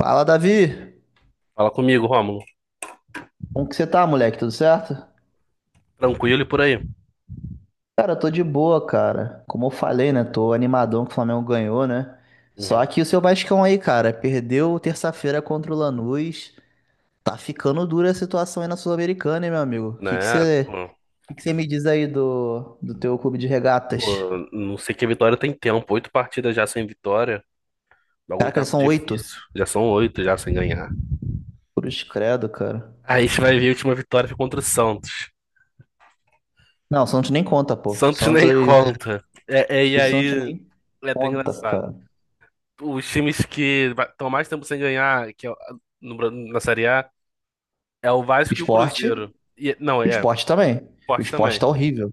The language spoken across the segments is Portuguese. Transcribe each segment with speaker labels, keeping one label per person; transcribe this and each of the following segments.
Speaker 1: Fala, Davi.
Speaker 2: Fala comigo, Rômulo.
Speaker 1: Como que você tá, moleque? Tudo certo?
Speaker 2: Tranquilo e por aí.
Speaker 1: Cara, eu tô de boa, cara. Como eu falei, né? Tô animadão que o Flamengo ganhou, né? Só
Speaker 2: Uhum.
Speaker 1: que o seu Vascão aí, cara, perdeu terça-feira contra o Lanús. Tá ficando dura a situação aí na Sul-Americana, hein, meu amigo?
Speaker 2: Né? Pô,
Speaker 1: O que que você me diz aí do teu clube de regatas?
Speaker 2: pô, não sei que a Vitória tem tempo. Oito partidas já sem vitória. O bagulho tá
Speaker 1: Caraca, são oito.
Speaker 2: difícil. Já são oito já sem ganhar.
Speaker 1: Cruz credo, cara.
Speaker 2: Aí a gente vai ver a última vitória foi contra o Santos.
Speaker 1: Não, o Santos nem conta, pô.
Speaker 2: Santos nem conta. É, é, e
Speaker 1: O Santos
Speaker 2: aí
Speaker 1: nem
Speaker 2: é até
Speaker 1: conta,
Speaker 2: engraçado.
Speaker 1: cara.
Speaker 2: Os times que estão mais tempo sem ganhar que é no Bra- na Série A é o
Speaker 1: O
Speaker 2: Vasco e o
Speaker 1: Esporte?
Speaker 2: Cruzeiro. E, não,
Speaker 1: O
Speaker 2: é
Speaker 1: esporte também. O
Speaker 2: forte
Speaker 1: esporte
Speaker 2: também.
Speaker 1: tá horrível.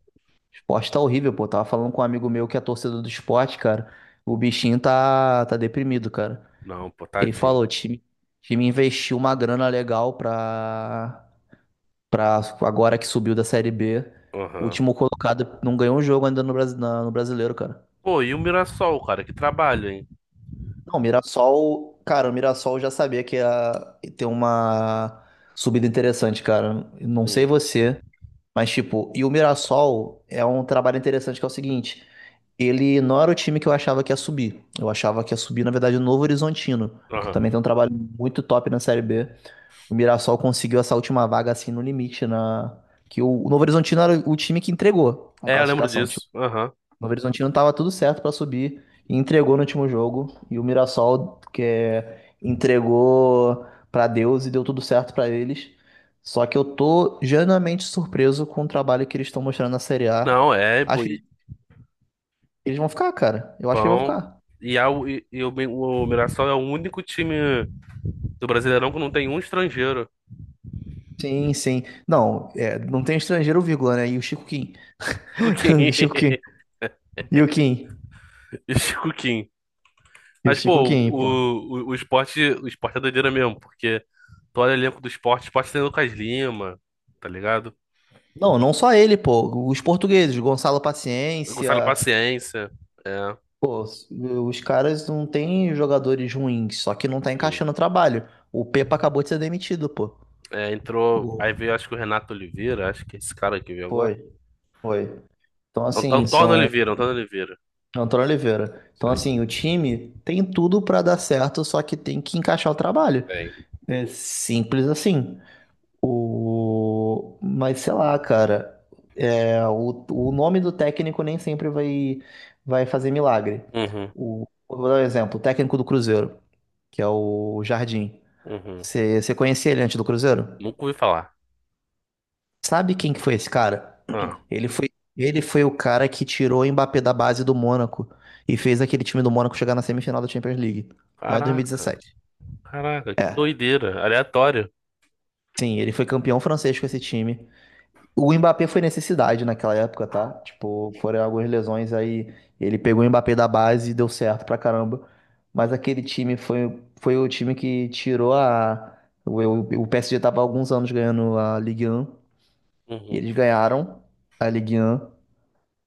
Speaker 1: Esporte tá horrível, pô. Tava falando com um amigo meu que é torcedor do esporte, cara. O bichinho tá deprimido, cara.
Speaker 2: Não, pô,
Speaker 1: Ele
Speaker 2: tadinho.
Speaker 1: falou, time investiu uma grana legal pra agora que subiu da Série B. O
Speaker 2: Aham.
Speaker 1: último colocado não ganhou um jogo ainda no Brasileiro, cara.
Speaker 2: Pô, e o Mirassol, cara, que trabalho, hein?
Speaker 1: Não, cara, o Mirassol eu já sabia que ia ter uma subida interessante, cara. Não sei
Speaker 2: Sim.
Speaker 1: você, mas tipo, e o Mirassol é um trabalho interessante que é o seguinte. Ele não era o time que eu achava que ia subir. Eu achava que ia subir, na verdade, o Novo Horizontino, que
Speaker 2: Aham.
Speaker 1: também tem um trabalho muito top na Série B. O Mirassol conseguiu essa última vaga assim no limite na que o Novo Horizontino era o time que entregou a
Speaker 2: É, eu lembro
Speaker 1: classificação. Tipo,
Speaker 2: disso. Aham.
Speaker 1: o Novo Horizontino tava tudo certo para subir e entregou no último jogo e o Mirassol que é, entregou para Deus e deu tudo certo para eles. Só que eu tô genuinamente surpreso com o trabalho que eles estão mostrando na Série A.
Speaker 2: Não, é, pô,
Speaker 1: Acho que eles
Speaker 2: e
Speaker 1: eles vão ficar, cara. Eu acho que eles vão
Speaker 2: vão.
Speaker 1: ficar.
Speaker 2: E, a, e, e o, Mi- o Mirassol é o único time do Brasileirão que não tem um estrangeiro.
Speaker 1: Sim, sim. Não, é, não tem estrangeiro, vírgula, né? E o Chico Kim.
Speaker 2: Chico Kim.
Speaker 1: O Chico Kim. E o Kim.
Speaker 2: Chico Kim.
Speaker 1: E o
Speaker 2: Mas, pô,
Speaker 1: Chico Kim, pô.
Speaker 2: o esporte é doideira mesmo, porque tu olha o elenco do esporte, o esporte tem Lucas Lima, tá ligado?
Speaker 1: Não, não só ele, pô. Os portugueses, Gonçalo Paciência,
Speaker 2: Gonçalo Paciência. É,
Speaker 1: pô, os caras não têm jogadores ruins, só que não tá
Speaker 2: sim.
Speaker 1: encaixando o trabalho. O Pepa acabou de ser demitido, pô.
Speaker 2: É, entrou.
Speaker 1: O-
Speaker 2: Aí veio, acho que o Renato Oliveira, acho que é esse cara que veio agora.
Speaker 1: Foi, foi. Então, assim,
Speaker 2: Antônio
Speaker 1: são.
Speaker 2: Oliveira, Antônio Oliveira.
Speaker 1: Antônio Oliveira. Então,
Speaker 2: Sim.
Speaker 1: assim, o time tem tudo pra dar certo, só que tem que encaixar o trabalho.
Speaker 2: Tem.
Speaker 1: É simples assim. Mas sei lá, cara, o nome do técnico nem sempre vai fazer milagre.
Speaker 2: Uhum.
Speaker 1: Eu vou dar um exemplo, o técnico do Cruzeiro, que é o Jardim.
Speaker 2: Uhum.
Speaker 1: Você conhecia ele antes do Cruzeiro?
Speaker 2: Nunca ouvi falar.
Speaker 1: Sabe quem que foi esse cara?
Speaker 2: Ah,
Speaker 1: Ele foi, ele foi o cara que tirou o Mbappé da base do Mônaco e fez aquele time do Mônaco chegar na semifinal da Champions League, lá em
Speaker 2: caraca,
Speaker 1: 2017.
Speaker 2: caraca, que
Speaker 1: É,
Speaker 2: doideira, aleatório.
Speaker 1: sim, ele foi campeão francês com esse time. O Mbappé foi necessidade naquela época, tá? Tipo, foram algumas lesões aí. Ele pegou o Mbappé da base e deu certo pra caramba. Mas aquele time foi o time que tirou a. O, o PSG tava há alguns anos ganhando a Ligue 1. E
Speaker 2: Uhum.
Speaker 1: eles ganharam a Ligue 1.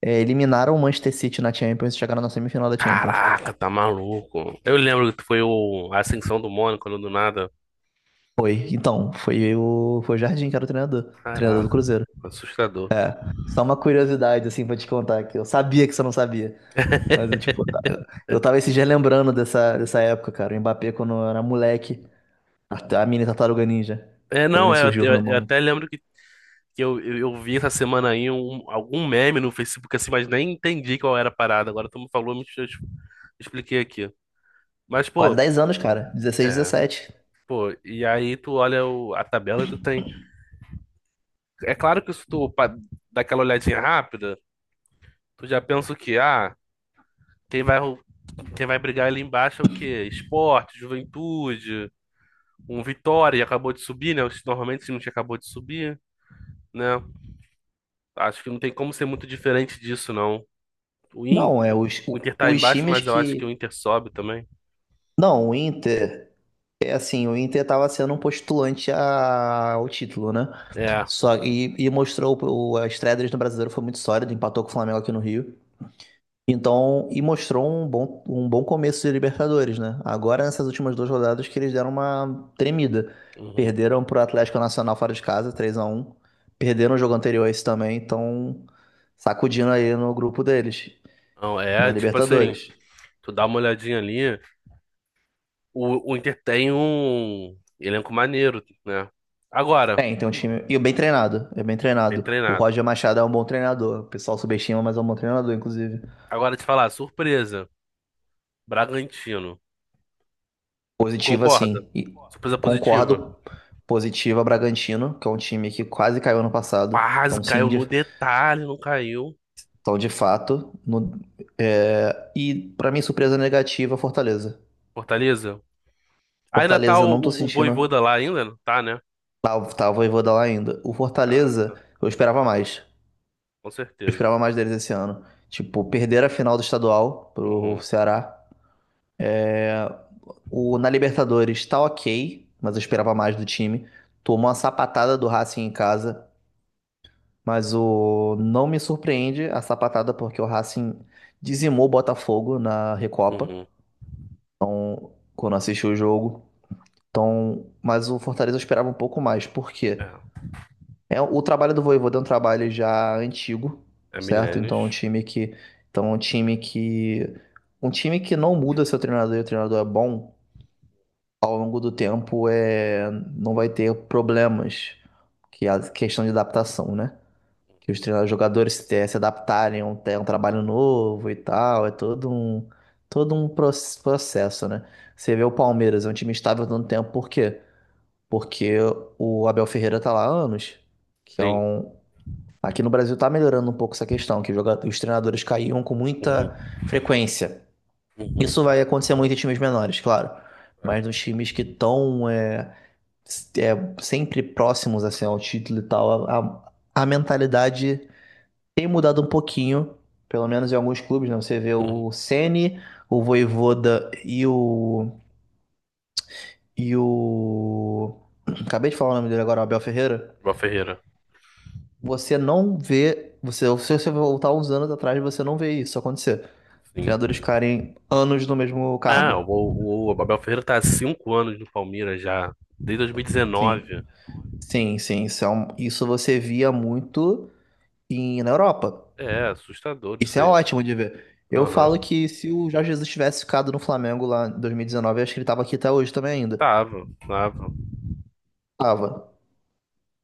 Speaker 1: Eliminaram o Manchester City na Champions e chegaram na semifinal da Champions.
Speaker 2: Caraca, tá maluco. Eu lembro que foi o a Ascensão do Mônaco, né, do nada.
Speaker 1: Foi. Então, foi o Jardim que era o treinador. O treinador do
Speaker 2: Caraca,
Speaker 1: Cruzeiro.
Speaker 2: assustador.
Speaker 1: Só uma curiosidade, assim, pra te contar, que eu sabia que você não sabia. Mas eu, tipo, eu tava esses dias lembrando dessa época, cara. O Mbappé quando eu era moleque, a mini Tartaruga Ninja,
Speaker 2: É,
Speaker 1: quando
Speaker 2: não,
Speaker 1: ele
Speaker 2: é,
Speaker 1: surgiu no
Speaker 2: eu,
Speaker 1: meu
Speaker 2: eu
Speaker 1: mano.
Speaker 2: até lembro que eu vi essa semana aí algum meme no Facebook assim, mas nem entendi qual era a parada. Agora tu me falou, eu expliquei aqui. Mas,
Speaker 1: Quase
Speaker 2: pô,
Speaker 1: 10 anos, cara. 16,
Speaker 2: é,
Speaker 1: 17.
Speaker 2: pô, e aí tu olha a tabela e tu tem. É claro que se tu dá aquela olhadinha rápida, tu já pensa o quê? Ah, quem vai, quem vai brigar ali embaixo é o quê? Esporte, Juventude, um Vitória, acabou de subir, né? Normalmente o time que acabou de subir, né? Acho que não tem como ser muito diferente disso, não. O
Speaker 1: Não, é
Speaker 2: Inter,
Speaker 1: os,
Speaker 2: o
Speaker 1: o-
Speaker 2: Inter tá
Speaker 1: Os
Speaker 2: embaixo,
Speaker 1: times
Speaker 2: mas eu acho que o
Speaker 1: que.
Speaker 2: Inter sobe também.
Speaker 1: Não, o Inter. É assim, o Inter tava sendo um postulante ao título, né?
Speaker 2: É,
Speaker 1: Só, e mostrou as estreia deles no Brasileiro foi muito sólida, empatou com o Flamengo aqui no Rio. Então, e mostrou um bom começo de Libertadores, né? Agora, nessas últimas duas rodadas, que eles deram uma tremida.
Speaker 2: uhum.
Speaker 1: Perderam pro Atlético Nacional fora de casa, 3 a 1. Perderam o jogo anterior a esse também, então sacudindo aí no grupo deles,
Speaker 2: Não,
Speaker 1: na
Speaker 2: é, tipo assim,
Speaker 1: Libertadores.
Speaker 2: tu dá uma olhadinha ali, o Inter tem um elenco maneiro, né? Agora,
Speaker 1: Tem um time. E bem treinado, é bem
Speaker 2: bem
Speaker 1: treinado. O
Speaker 2: treinado.
Speaker 1: Roger Machado é um bom treinador. O pessoal subestima, mas é um bom treinador, inclusive.
Speaker 2: Agora te falar, surpresa, Bragantino.
Speaker 1: Positivo,
Speaker 2: Concorda?
Speaker 1: assim. E
Speaker 2: Surpresa positiva.
Speaker 1: concordo. Positiva Bragantino, que é um time que quase caiu ano passado.
Speaker 2: Quase
Speaker 1: Então, sim,
Speaker 2: caiu no detalhe, não caiu.
Speaker 1: Então, de fato, e pra mim, surpresa negativa, Fortaleza.
Speaker 2: Fortaleza. Ah, ainda tá
Speaker 1: Fortaleza,
Speaker 2: o,
Speaker 1: não tô
Speaker 2: o, o
Speaker 1: sentindo.
Speaker 2: Voivoda lá ainda? Não tá, né?
Speaker 1: Tava, tava e vou dar lá ainda. O Fortaleza,
Speaker 2: Caraca,
Speaker 1: eu esperava mais.
Speaker 2: com
Speaker 1: Eu
Speaker 2: certeza.
Speaker 1: esperava mais deles esse ano. Tipo, perder a final do estadual pro
Speaker 2: Uhum,
Speaker 1: Ceará. é, Na Libertadores tá ok, mas eu esperava mais do time. Tomou uma sapatada do Racing em casa, mas o não me surpreende a sapatada porque o Racing dizimou o Botafogo na Recopa,
Speaker 2: uhum.
Speaker 1: quando assisti o jogo. Então, mas o Fortaleza eu esperava um pouco mais, porque
Speaker 2: É,
Speaker 1: o trabalho do Vojvoda é um trabalho já antigo,
Speaker 2: é
Speaker 1: certo? Então, um
Speaker 2: Milênios.
Speaker 1: time que, então um time que, um time que não muda seu treinador e o treinador é bom ao longo do tempo não vai ter problemas que é a questão de adaptação, né? Que os
Speaker 2: Uhum.
Speaker 1: treinadores, jogadores se adaptarem a um, trabalho novo e tal, é todo um processo, né? Você vê o Palmeiras, é um time estável há tanto tempo, por quê? Porque o Abel Ferreira tá lá há anos, que é
Speaker 2: Sim.
Speaker 1: um... Aqui no Brasil tá melhorando um pouco essa questão, que os treinadores caíam com muita
Speaker 2: Uhum,
Speaker 1: frequência.
Speaker 2: uhum.
Speaker 1: Isso vai acontecer muito em times menores, claro.
Speaker 2: É,
Speaker 1: Mas nos times que estão sempre próximos assim, ao título e tal, a mentalidade tem mudado um pouquinho, pelo menos em alguns clubes, né? Você vê
Speaker 2: uhum.
Speaker 1: o Ceni, o Vojvoda e o... E o... Acabei de falar o nome dele agora, o Abel Ferreira.
Speaker 2: Abel Ferreira.
Speaker 1: Você não vê. Você, se você voltar uns anos atrás, você não vê isso acontecer. Treinadores
Speaker 2: Sim.
Speaker 1: ficarem anos no mesmo
Speaker 2: Ah,
Speaker 1: cargo.
Speaker 2: o Abel Ferreira tá há cinco anos no Palmeiras já. Desde
Speaker 1: Sim.
Speaker 2: 2019.
Speaker 1: Sim, sim. Isso, isso você via muito na Europa.
Speaker 2: É, assustador
Speaker 1: Isso
Speaker 2: isso
Speaker 1: é
Speaker 2: aí.
Speaker 1: ótimo de ver. Eu
Speaker 2: Aham.
Speaker 1: falo que se o Jorge Jesus tivesse ficado no Flamengo lá em 2019, eu acho que ele tava aqui até hoje também ainda.
Speaker 2: Tava, tava.
Speaker 1: Tava.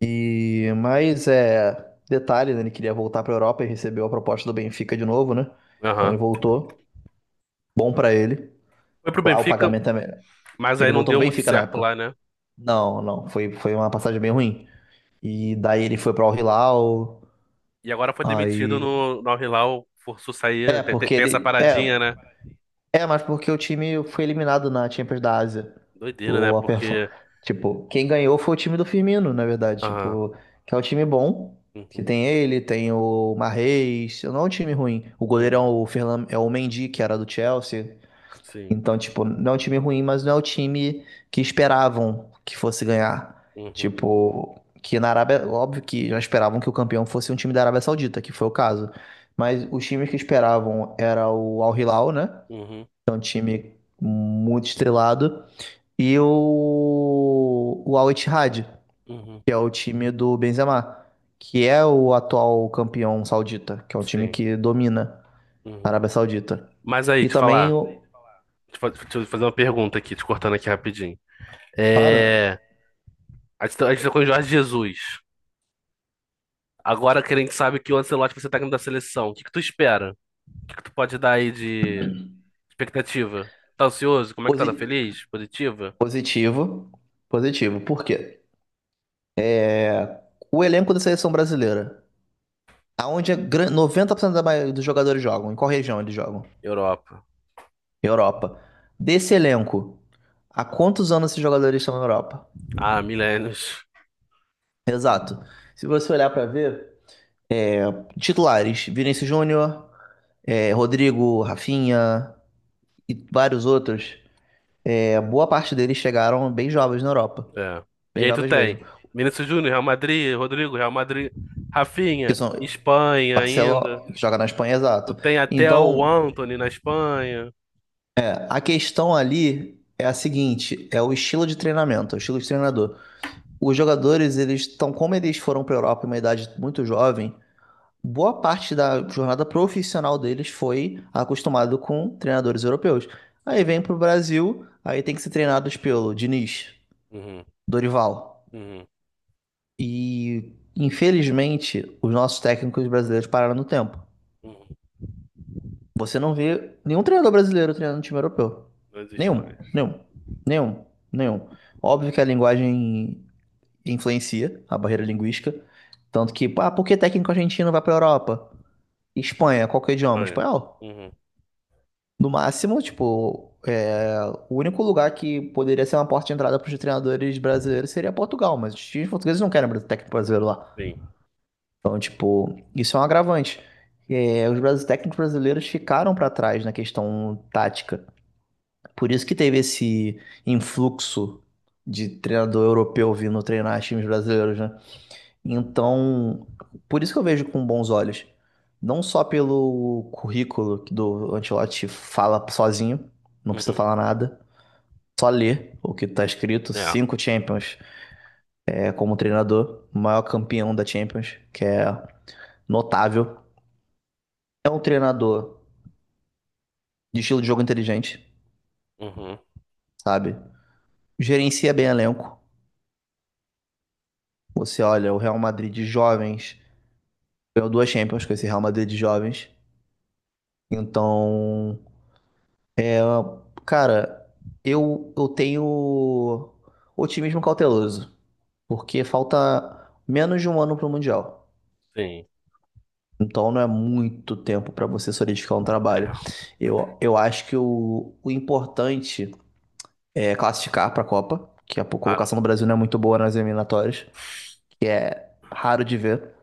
Speaker 1: E, mas é. Detalhe, né? Ele queria voltar pra Europa e recebeu a proposta do Benfica de novo, né? Então ele
Speaker 2: Aham.
Speaker 1: voltou. Bom pra ele.
Speaker 2: Foi pro
Speaker 1: Lá o
Speaker 2: Benfica,
Speaker 1: pagamento é melhor.
Speaker 2: mas aí
Speaker 1: Ele
Speaker 2: não
Speaker 1: voltou
Speaker 2: deu
Speaker 1: pro
Speaker 2: muito
Speaker 1: Benfica na
Speaker 2: certo
Speaker 1: época.
Speaker 2: lá, né?
Speaker 1: Não, não. Foi, foi uma passagem bem ruim. E daí ele foi para o Hilal.
Speaker 2: E agora foi demitido
Speaker 1: Aí.
Speaker 2: no, no Al-Hilal, forçou
Speaker 1: É,
Speaker 2: sair. Tem, tem-
Speaker 1: porque
Speaker 2: tem essa
Speaker 1: ele.
Speaker 2: paradinha,
Speaker 1: É,
Speaker 2: né?
Speaker 1: é, mas porque o time foi eliminado na Champions da Ásia.
Speaker 2: Doideira, né?
Speaker 1: O, a perfor-
Speaker 2: Porque.
Speaker 1: Tipo, quem ganhou foi o time do Firmino, na verdade.
Speaker 2: Ah,
Speaker 1: Tipo, que é um time bom. Que
Speaker 2: uhum,
Speaker 1: tem ele, tem o Mahrez. Não é um time ruim. O
Speaker 2: uhum,
Speaker 1: goleirão, o Ferlan, é o Mendy, que era do Chelsea.
Speaker 2: sim.
Speaker 1: Então, tipo, não é um time ruim, mas não é o time que esperavam que fosse ganhar.
Speaker 2: Uhum,
Speaker 1: Tipo, que na Arábia, óbvio que já esperavam que o campeão fosse um time da Arábia Saudita, que foi o caso. Mas os times que esperavam era o Al Hilal, né?
Speaker 2: uhum,
Speaker 1: Que é um time muito estrelado. E o Al Ittihad,
Speaker 2: uhum,
Speaker 1: que é o time do Benzema, que é o atual campeão saudita, que é um time
Speaker 2: sim.
Speaker 1: que domina a
Speaker 2: Uhum.
Speaker 1: Arábia Saudita.
Speaker 2: Mas aí,
Speaker 1: E
Speaker 2: te
Speaker 1: também,
Speaker 2: falar. Deixa eu fazer uma pergunta aqui, te cortando aqui rapidinho.
Speaker 1: claro,
Speaker 2: É. A gente tá com o Jorge Jesus. Agora que a gente sabe que o Ancelotti vai ser técnico da seleção, o que que tu espera? O que que tu pode dar aí de expectativa? Tá ansioso? Como é que
Speaker 1: os,
Speaker 2: tá? Tá
Speaker 1: i-
Speaker 2: feliz? Positiva?
Speaker 1: positivo, positivo. Por quê? O elenco da seleção brasileira, aonde 90% da maioria dos jogadores jogam, em qual região eles jogam?
Speaker 2: Europa.
Speaker 1: Europa. Desse elenco, há quantos anos esses jogadores estão na Europa?
Speaker 2: Ah, milênios.
Speaker 1: Exato. Se você olhar pra ver, titulares, Vinícius Júnior, Rodrigo, Rafinha e vários outros, é boa parte deles chegaram bem jovens na Europa,
Speaker 2: É. E
Speaker 1: bem
Speaker 2: aí tu
Speaker 1: jovens
Speaker 2: tem
Speaker 1: mesmo.
Speaker 2: Vinícius Júnior, Real Madrid, Rodrigo, Real Madrid,
Speaker 1: Que
Speaker 2: Rafinha,
Speaker 1: são
Speaker 2: Espanha ainda.
Speaker 1: Barcelona, que joga na Espanha,
Speaker 2: Tu
Speaker 1: exato.
Speaker 2: tem até
Speaker 1: Então,
Speaker 2: o Antony na Espanha.
Speaker 1: a questão ali é a seguinte, é o estilo de treinamento, é o estilo de
Speaker 2: Sim,
Speaker 1: treinador. Os jogadores, eles estão, como eles foram para a Europa em uma idade muito jovem, boa parte da jornada profissional deles foi acostumado com treinadores europeus. Aí
Speaker 2: sim.
Speaker 1: vem para o Brasil, aí tem que ser treinados pelo Diniz,
Speaker 2: Uhum,
Speaker 1: Dorival.
Speaker 2: uhum,
Speaker 1: E, infelizmente, os nossos técnicos brasileiros pararam no tempo.
Speaker 2: uhum.
Speaker 1: Você não vê nenhum treinador brasileiro treinando um time europeu.
Speaker 2: Não existe
Speaker 1: Nenhum,
Speaker 2: mais.
Speaker 1: nenhum, nenhum, nenhum. Óbvio que a linguagem influencia a barreira linguística. Tanto que, ah, por que técnico argentino vai pra Europa? Espanha, qual que é o idioma?
Speaker 2: Espanha.
Speaker 1: Espanhol.
Speaker 2: Uhum,
Speaker 1: No máximo, tipo, o único lugar que poderia ser uma porta de entrada para os treinadores brasileiros seria Portugal, mas os times portugueses não querem técnico brasileiro lá.
Speaker 2: sim.
Speaker 1: Então, tipo, isso é um agravante. É, técnicos brasileiros ficaram para trás na questão tática. Por isso que teve esse influxo de treinador europeu vindo treinar times brasileiros, né? Então, por isso que eu vejo com bons olhos. Não só pelo currículo que do Ancelotti fala sozinho, não precisa
Speaker 2: Uhum.
Speaker 1: falar nada, só ler o que tá escrito,
Speaker 2: É.
Speaker 1: cinco Champions é, como treinador, o maior campeão da Champions, que é notável. É um treinador de estilo de jogo inteligente,
Speaker 2: Uhum,
Speaker 1: sabe? Gerencia bem elenco. Você olha o Real Madrid de jovens. Ganhou duas Champions com esse Real Madrid de jovens. Então, ah, cara, eu tenho otimismo cauteloso, porque falta menos de um ano para o Mundial.
Speaker 2: sim.
Speaker 1: Então não é muito tempo para você solidificar um trabalho. Eu acho que o importante é classificar para a Copa, que a
Speaker 2: Claro.
Speaker 1: colocação do Brasil não é muito boa nas eliminatórias, que é raro de ver.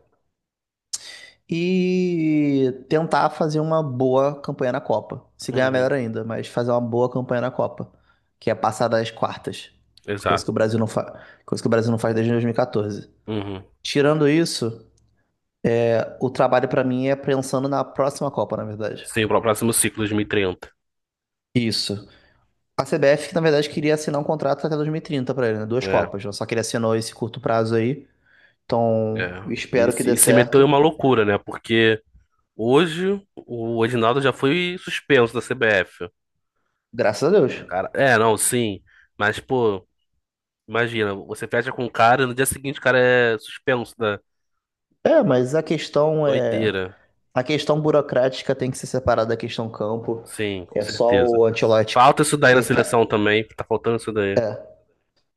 Speaker 1: E tentar fazer uma boa campanha na Copa. Se ganhar,
Speaker 2: Uhum.
Speaker 1: melhor ainda, mas fazer uma boa campanha na Copa, que é passar das quartas, coisa que
Speaker 2: Exato.
Speaker 1: o Brasil não faz, coisa que o Brasil não faz desde 2014.
Speaker 2: Uhum.
Speaker 1: Tirando isso, é, o trabalho pra mim é pensando na próxima Copa, na verdade.
Speaker 2: Sim, para o próximo ciclo, 2030.
Speaker 1: Isso. A CBF, que na verdade queria assinar um contrato até 2030 pra ele, né? Duas
Speaker 2: É,
Speaker 1: Copas, só que ele assinou esse curto prazo aí. Então,
Speaker 2: é. E,
Speaker 1: espero que dê
Speaker 2: e se meteu em
Speaker 1: certo.
Speaker 2: uma loucura, né? Porque hoje o Edinaldo já foi suspenso da CBF.
Speaker 1: Graças a Deus.
Speaker 2: Cara, é, não, sim. Mas, pô, imagina, você fecha com o cara e no dia seguinte o cara é suspenso da
Speaker 1: É, mas a questão é.
Speaker 2: doideira.
Speaker 1: A questão burocrática tem que ser separada da questão campo.
Speaker 2: Sim, com
Speaker 1: É só
Speaker 2: certeza.
Speaker 1: o Ancelotti
Speaker 2: Falta isso daí
Speaker 1: que
Speaker 2: na
Speaker 1: é ca-
Speaker 2: seleção também. Tá faltando isso daí.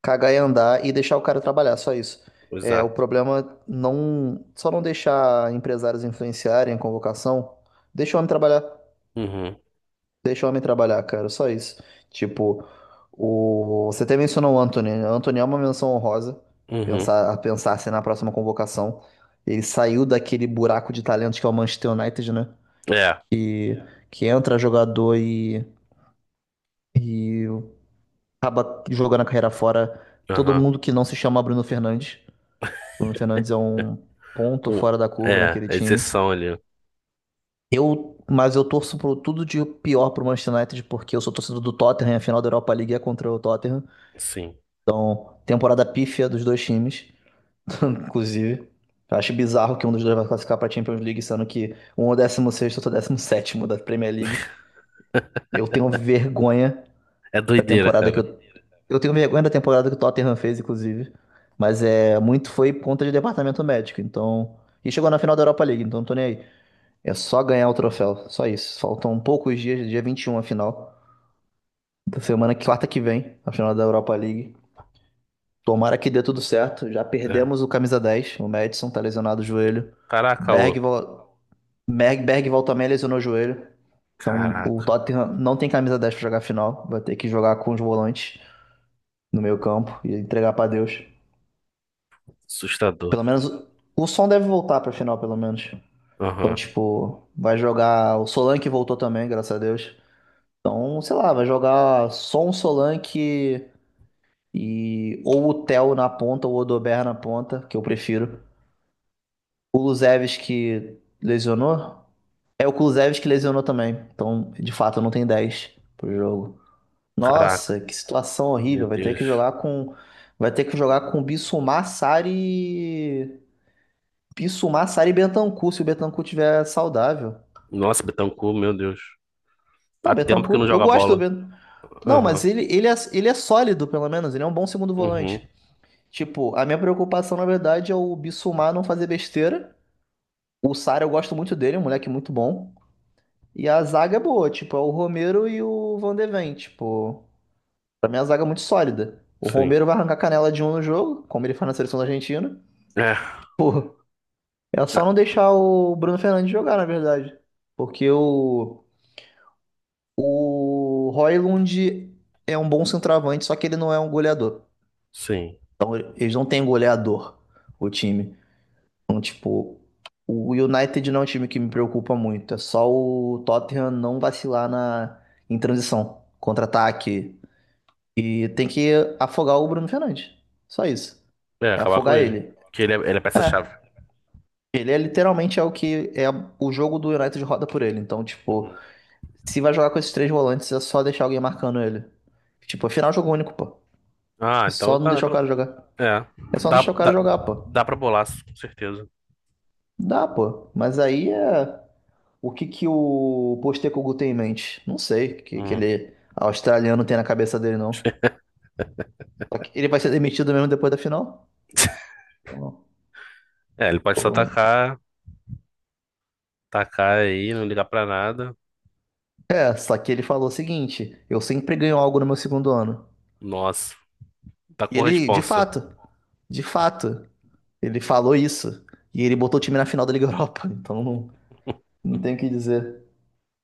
Speaker 1: cagar e andar e deixar o cara trabalhar, só isso. É, o
Speaker 2: Exato.
Speaker 1: problema não, só não deixar empresários influenciarem a convocação. Deixa o homem trabalhar,
Speaker 2: Uhum,
Speaker 1: deixa o homem trabalhar, cara, só isso. Tipo, você até mencionou o Antony. O Antony é uma menção honrosa,
Speaker 2: uhum.
Speaker 1: a pensar se na próxima convocação. Ele saiu daquele buraco de talentos que é o Manchester United, né?
Speaker 2: É,
Speaker 1: Que, que entra jogador e. E acaba jogando a carreira fora todo
Speaker 2: aham.
Speaker 1: mundo que não se chama Bruno Fernandes. Bruno Fernandes é um ponto
Speaker 2: O-
Speaker 1: fora da curva
Speaker 2: É,
Speaker 1: naquele
Speaker 2: a
Speaker 1: time.
Speaker 2: exceção ali.
Speaker 1: Mas eu torço por tudo de pior pro Manchester United, porque eu sou torcedor do Tottenham, a final da Europa League é contra o Tottenham.
Speaker 2: Sim.
Speaker 1: Então, temporada pífia dos dois times, inclusive. Eu acho bizarro que um dos dois vai classificar pra Champions League, sendo que um é o 16 outro é o décimo sétimo da Premier League. Eu tenho vergonha
Speaker 2: É
Speaker 1: da
Speaker 2: doideira,
Speaker 1: temporada que
Speaker 2: cara.
Speaker 1: eu Eu tenho vergonha da temporada que o Tottenham fez, inclusive. Mas é muito foi por conta de departamento médico. Então. E chegou na final da Europa League, então não tô nem aí. É só ganhar o troféu. Só isso. Faltam poucos dias, dia 21 a final. Da semana, que- quarta que vem, a final da Europa League. Tomara que dê tudo certo. Já
Speaker 2: É.
Speaker 1: perdemos o camisa 10. O Madison tá lesionado o joelho.
Speaker 2: Caraca,
Speaker 1: Berg,
Speaker 2: ô.
Speaker 1: vol- Berg, Bergvall também lesionou o joelho. Então o
Speaker 2: Caraca.
Speaker 1: Tottenham não tem camisa 10 pra jogar a final. Vai ter que jogar com os volantes no meio campo e entregar pra Deus.
Speaker 2: Assustador,
Speaker 1: Pelo menos
Speaker 2: filho.
Speaker 1: o som deve voltar pra final, pelo menos. Então,
Speaker 2: Aham.
Speaker 1: tipo, vai jogar. O Solanke voltou também, graças a Deus. Então, sei lá, vai jogar só um Solanke e. Ou o Theo na ponta, ou o Odober na ponta, que eu prefiro. O Kulusevski lesionou. É o Kulusevski que lesionou também. Então, de fato, não tem 10 pro jogo.
Speaker 2: Caraca.
Speaker 1: Nossa, que situação horrível.
Speaker 2: Meu
Speaker 1: Vai ter que
Speaker 2: Deus.
Speaker 1: jogar com. Vai ter que jogar com Bissouma, Sarri Pisso, Massari e Bentancur, se o Bentancur tiver saudável.
Speaker 2: Nossa, Betancur, meu Deus. Há
Speaker 1: Não,
Speaker 2: tempo que não
Speaker 1: Bentancur, eu
Speaker 2: joga
Speaker 1: gosto do
Speaker 2: bola.
Speaker 1: Bentancur. Não,
Speaker 2: Aham.
Speaker 1: mas ele é sólido, pelo menos. Ele é um bom segundo
Speaker 2: Uhum.
Speaker 1: volante. Tipo, a minha preocupação, na verdade, é o Bissumar não fazer besteira. O Sara eu gosto muito dele, é um moleque muito bom. E a zaga é boa, tipo, é o Romero e o Van de Ven, tipo... Pra mim, a zaga é muito sólida. O
Speaker 2: Sim.
Speaker 1: Romero vai arrancar canela de um no jogo, como ele faz na seleção da Argentina.
Speaker 2: É,
Speaker 1: Pô, é só
Speaker 2: ah,
Speaker 1: não deixar o Bruno Fernandes jogar, na verdade. Porque o... O Højlund é um bom centroavante, só que ele não é um goleador.
Speaker 2: sim.
Speaker 1: Então, eles não têm goleador, o time. Então, tipo, o United não é um time que me preocupa muito. É só o Tottenham não vacilar na, em transição, contra-ataque. E tem que afogar o Bruno Fernandes. Só isso.
Speaker 2: É,
Speaker 1: É
Speaker 2: acabar com
Speaker 1: afogar
Speaker 2: ele.
Speaker 1: ele.
Speaker 2: Porque ele é peça-chave.
Speaker 1: É. Ele é literalmente é o que é o jogo do United roda por ele. Então, tipo,
Speaker 2: Uhum.
Speaker 1: se vai jogar com esses três volantes, é só deixar alguém marcando ele. Tipo, afinal, é final jogo único, pô.
Speaker 2: Ah,
Speaker 1: É
Speaker 2: então
Speaker 1: só não
Speaker 2: tá.
Speaker 1: deixar o cara jogar.
Speaker 2: É.
Speaker 1: É só não
Speaker 2: Dá,
Speaker 1: deixar o cara
Speaker 2: dá,
Speaker 1: jogar, pô.
Speaker 2: dá pra bolar, com certeza.
Speaker 1: Dá, pô. Mas aí é. O que que o Postecoglou tem em mente? Não sei o que que
Speaker 2: Hum.
Speaker 1: ele australiano tem na cabeça dele, não. Só que ele vai ser demitido mesmo depois da final? Não.
Speaker 2: É, ele pode só
Speaker 1: Pô.
Speaker 2: tacar, tacar aí, não ligar pra nada.
Speaker 1: É, só que ele falou o seguinte: eu sempre ganho algo no meu segundo ano.
Speaker 2: Nossa, tá
Speaker 1: E
Speaker 2: com
Speaker 1: ele, de
Speaker 2: responsa.
Speaker 1: fato, de fato, ele falou isso. E ele botou o time na final da Liga Europa. Então não, não tem o que dizer.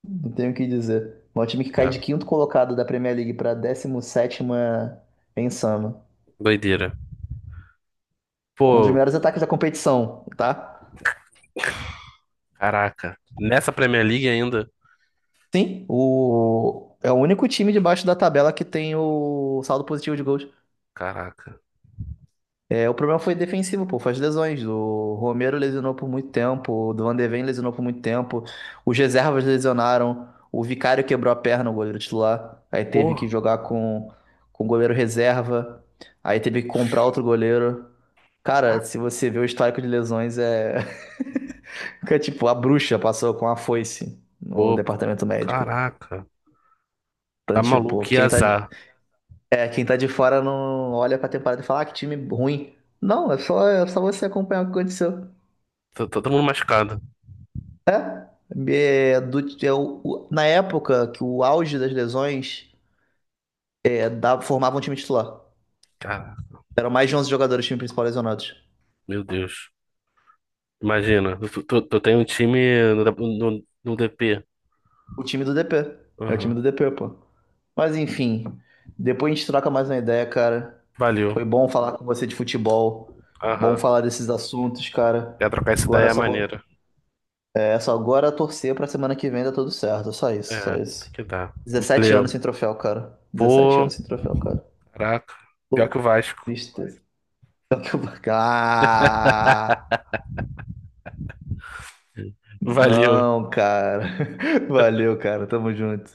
Speaker 1: Não tenho o que dizer. É um time que cai
Speaker 2: É,
Speaker 1: de quinto colocado da Premier League para 17ª em Sama.
Speaker 2: doideira.
Speaker 1: Com um dos
Speaker 2: Pô,
Speaker 1: melhores ataques da competição, tá?
Speaker 2: caraca. Nessa Premier League ainda?
Speaker 1: Sim, o... é o único time debaixo da tabela que tem o saldo positivo de gols.
Speaker 2: Caraca.
Speaker 1: É, o problema foi defensivo, pô, foi as lesões. O Romero lesionou por muito tempo, o Van de Ven lesionou por muito tempo, os reservas lesionaram, o Vicário quebrou a perna, o goleiro titular. Aí teve
Speaker 2: Pô,
Speaker 1: que jogar com o goleiro reserva, aí teve que comprar outro goleiro. Cara, se você vê o histórico de lesões, é. é tipo, a bruxa passou com a foice no
Speaker 2: pô,
Speaker 1: departamento médico.
Speaker 2: caraca.
Speaker 1: Então,
Speaker 2: Tá maluco,
Speaker 1: tipo,
Speaker 2: que azar.
Speaker 1: quem tá de fora não olha pra temporada e fala, ah, que time ruim. Não, é só você acompanhar o que aconteceu.
Speaker 2: Tá, todo mundo machucado.
Speaker 1: É. É, do, é o- na época que o auge das lesões é, dava, formava um time titular.
Speaker 2: Cara,
Speaker 1: Eram mais de 11 jogadores, time principal lesionados.
Speaker 2: meu Deus. Imagina, tu tem um time no DP.
Speaker 1: O time do DP. É o time
Speaker 2: Aham.
Speaker 1: do DP, pô. Mas enfim, depois a gente troca mais uma ideia, cara.
Speaker 2: Valeu.
Speaker 1: Foi bom falar com você de futebol. Bom
Speaker 2: Aham.
Speaker 1: falar desses assuntos, cara.
Speaker 2: Quer trocar essa daí
Speaker 1: Agora
Speaker 2: é
Speaker 1: só
Speaker 2: maneira.
Speaker 1: vou, é, só agora torcer pra semana que vem dar tudo certo. Só isso, só
Speaker 2: É, tem
Speaker 1: isso.
Speaker 2: que dar.
Speaker 1: Dezessete anos
Speaker 2: Valeu.
Speaker 1: sem troféu, cara. Dezessete
Speaker 2: Pô,
Speaker 1: anos sem troféu, cara.
Speaker 2: caraca. Pior que o
Speaker 1: Pouco.
Speaker 2: Vasco.
Speaker 1: Tristeza. Ah,
Speaker 2: Valeu.
Speaker 1: não, cara. Valeu, cara. Tamo junto.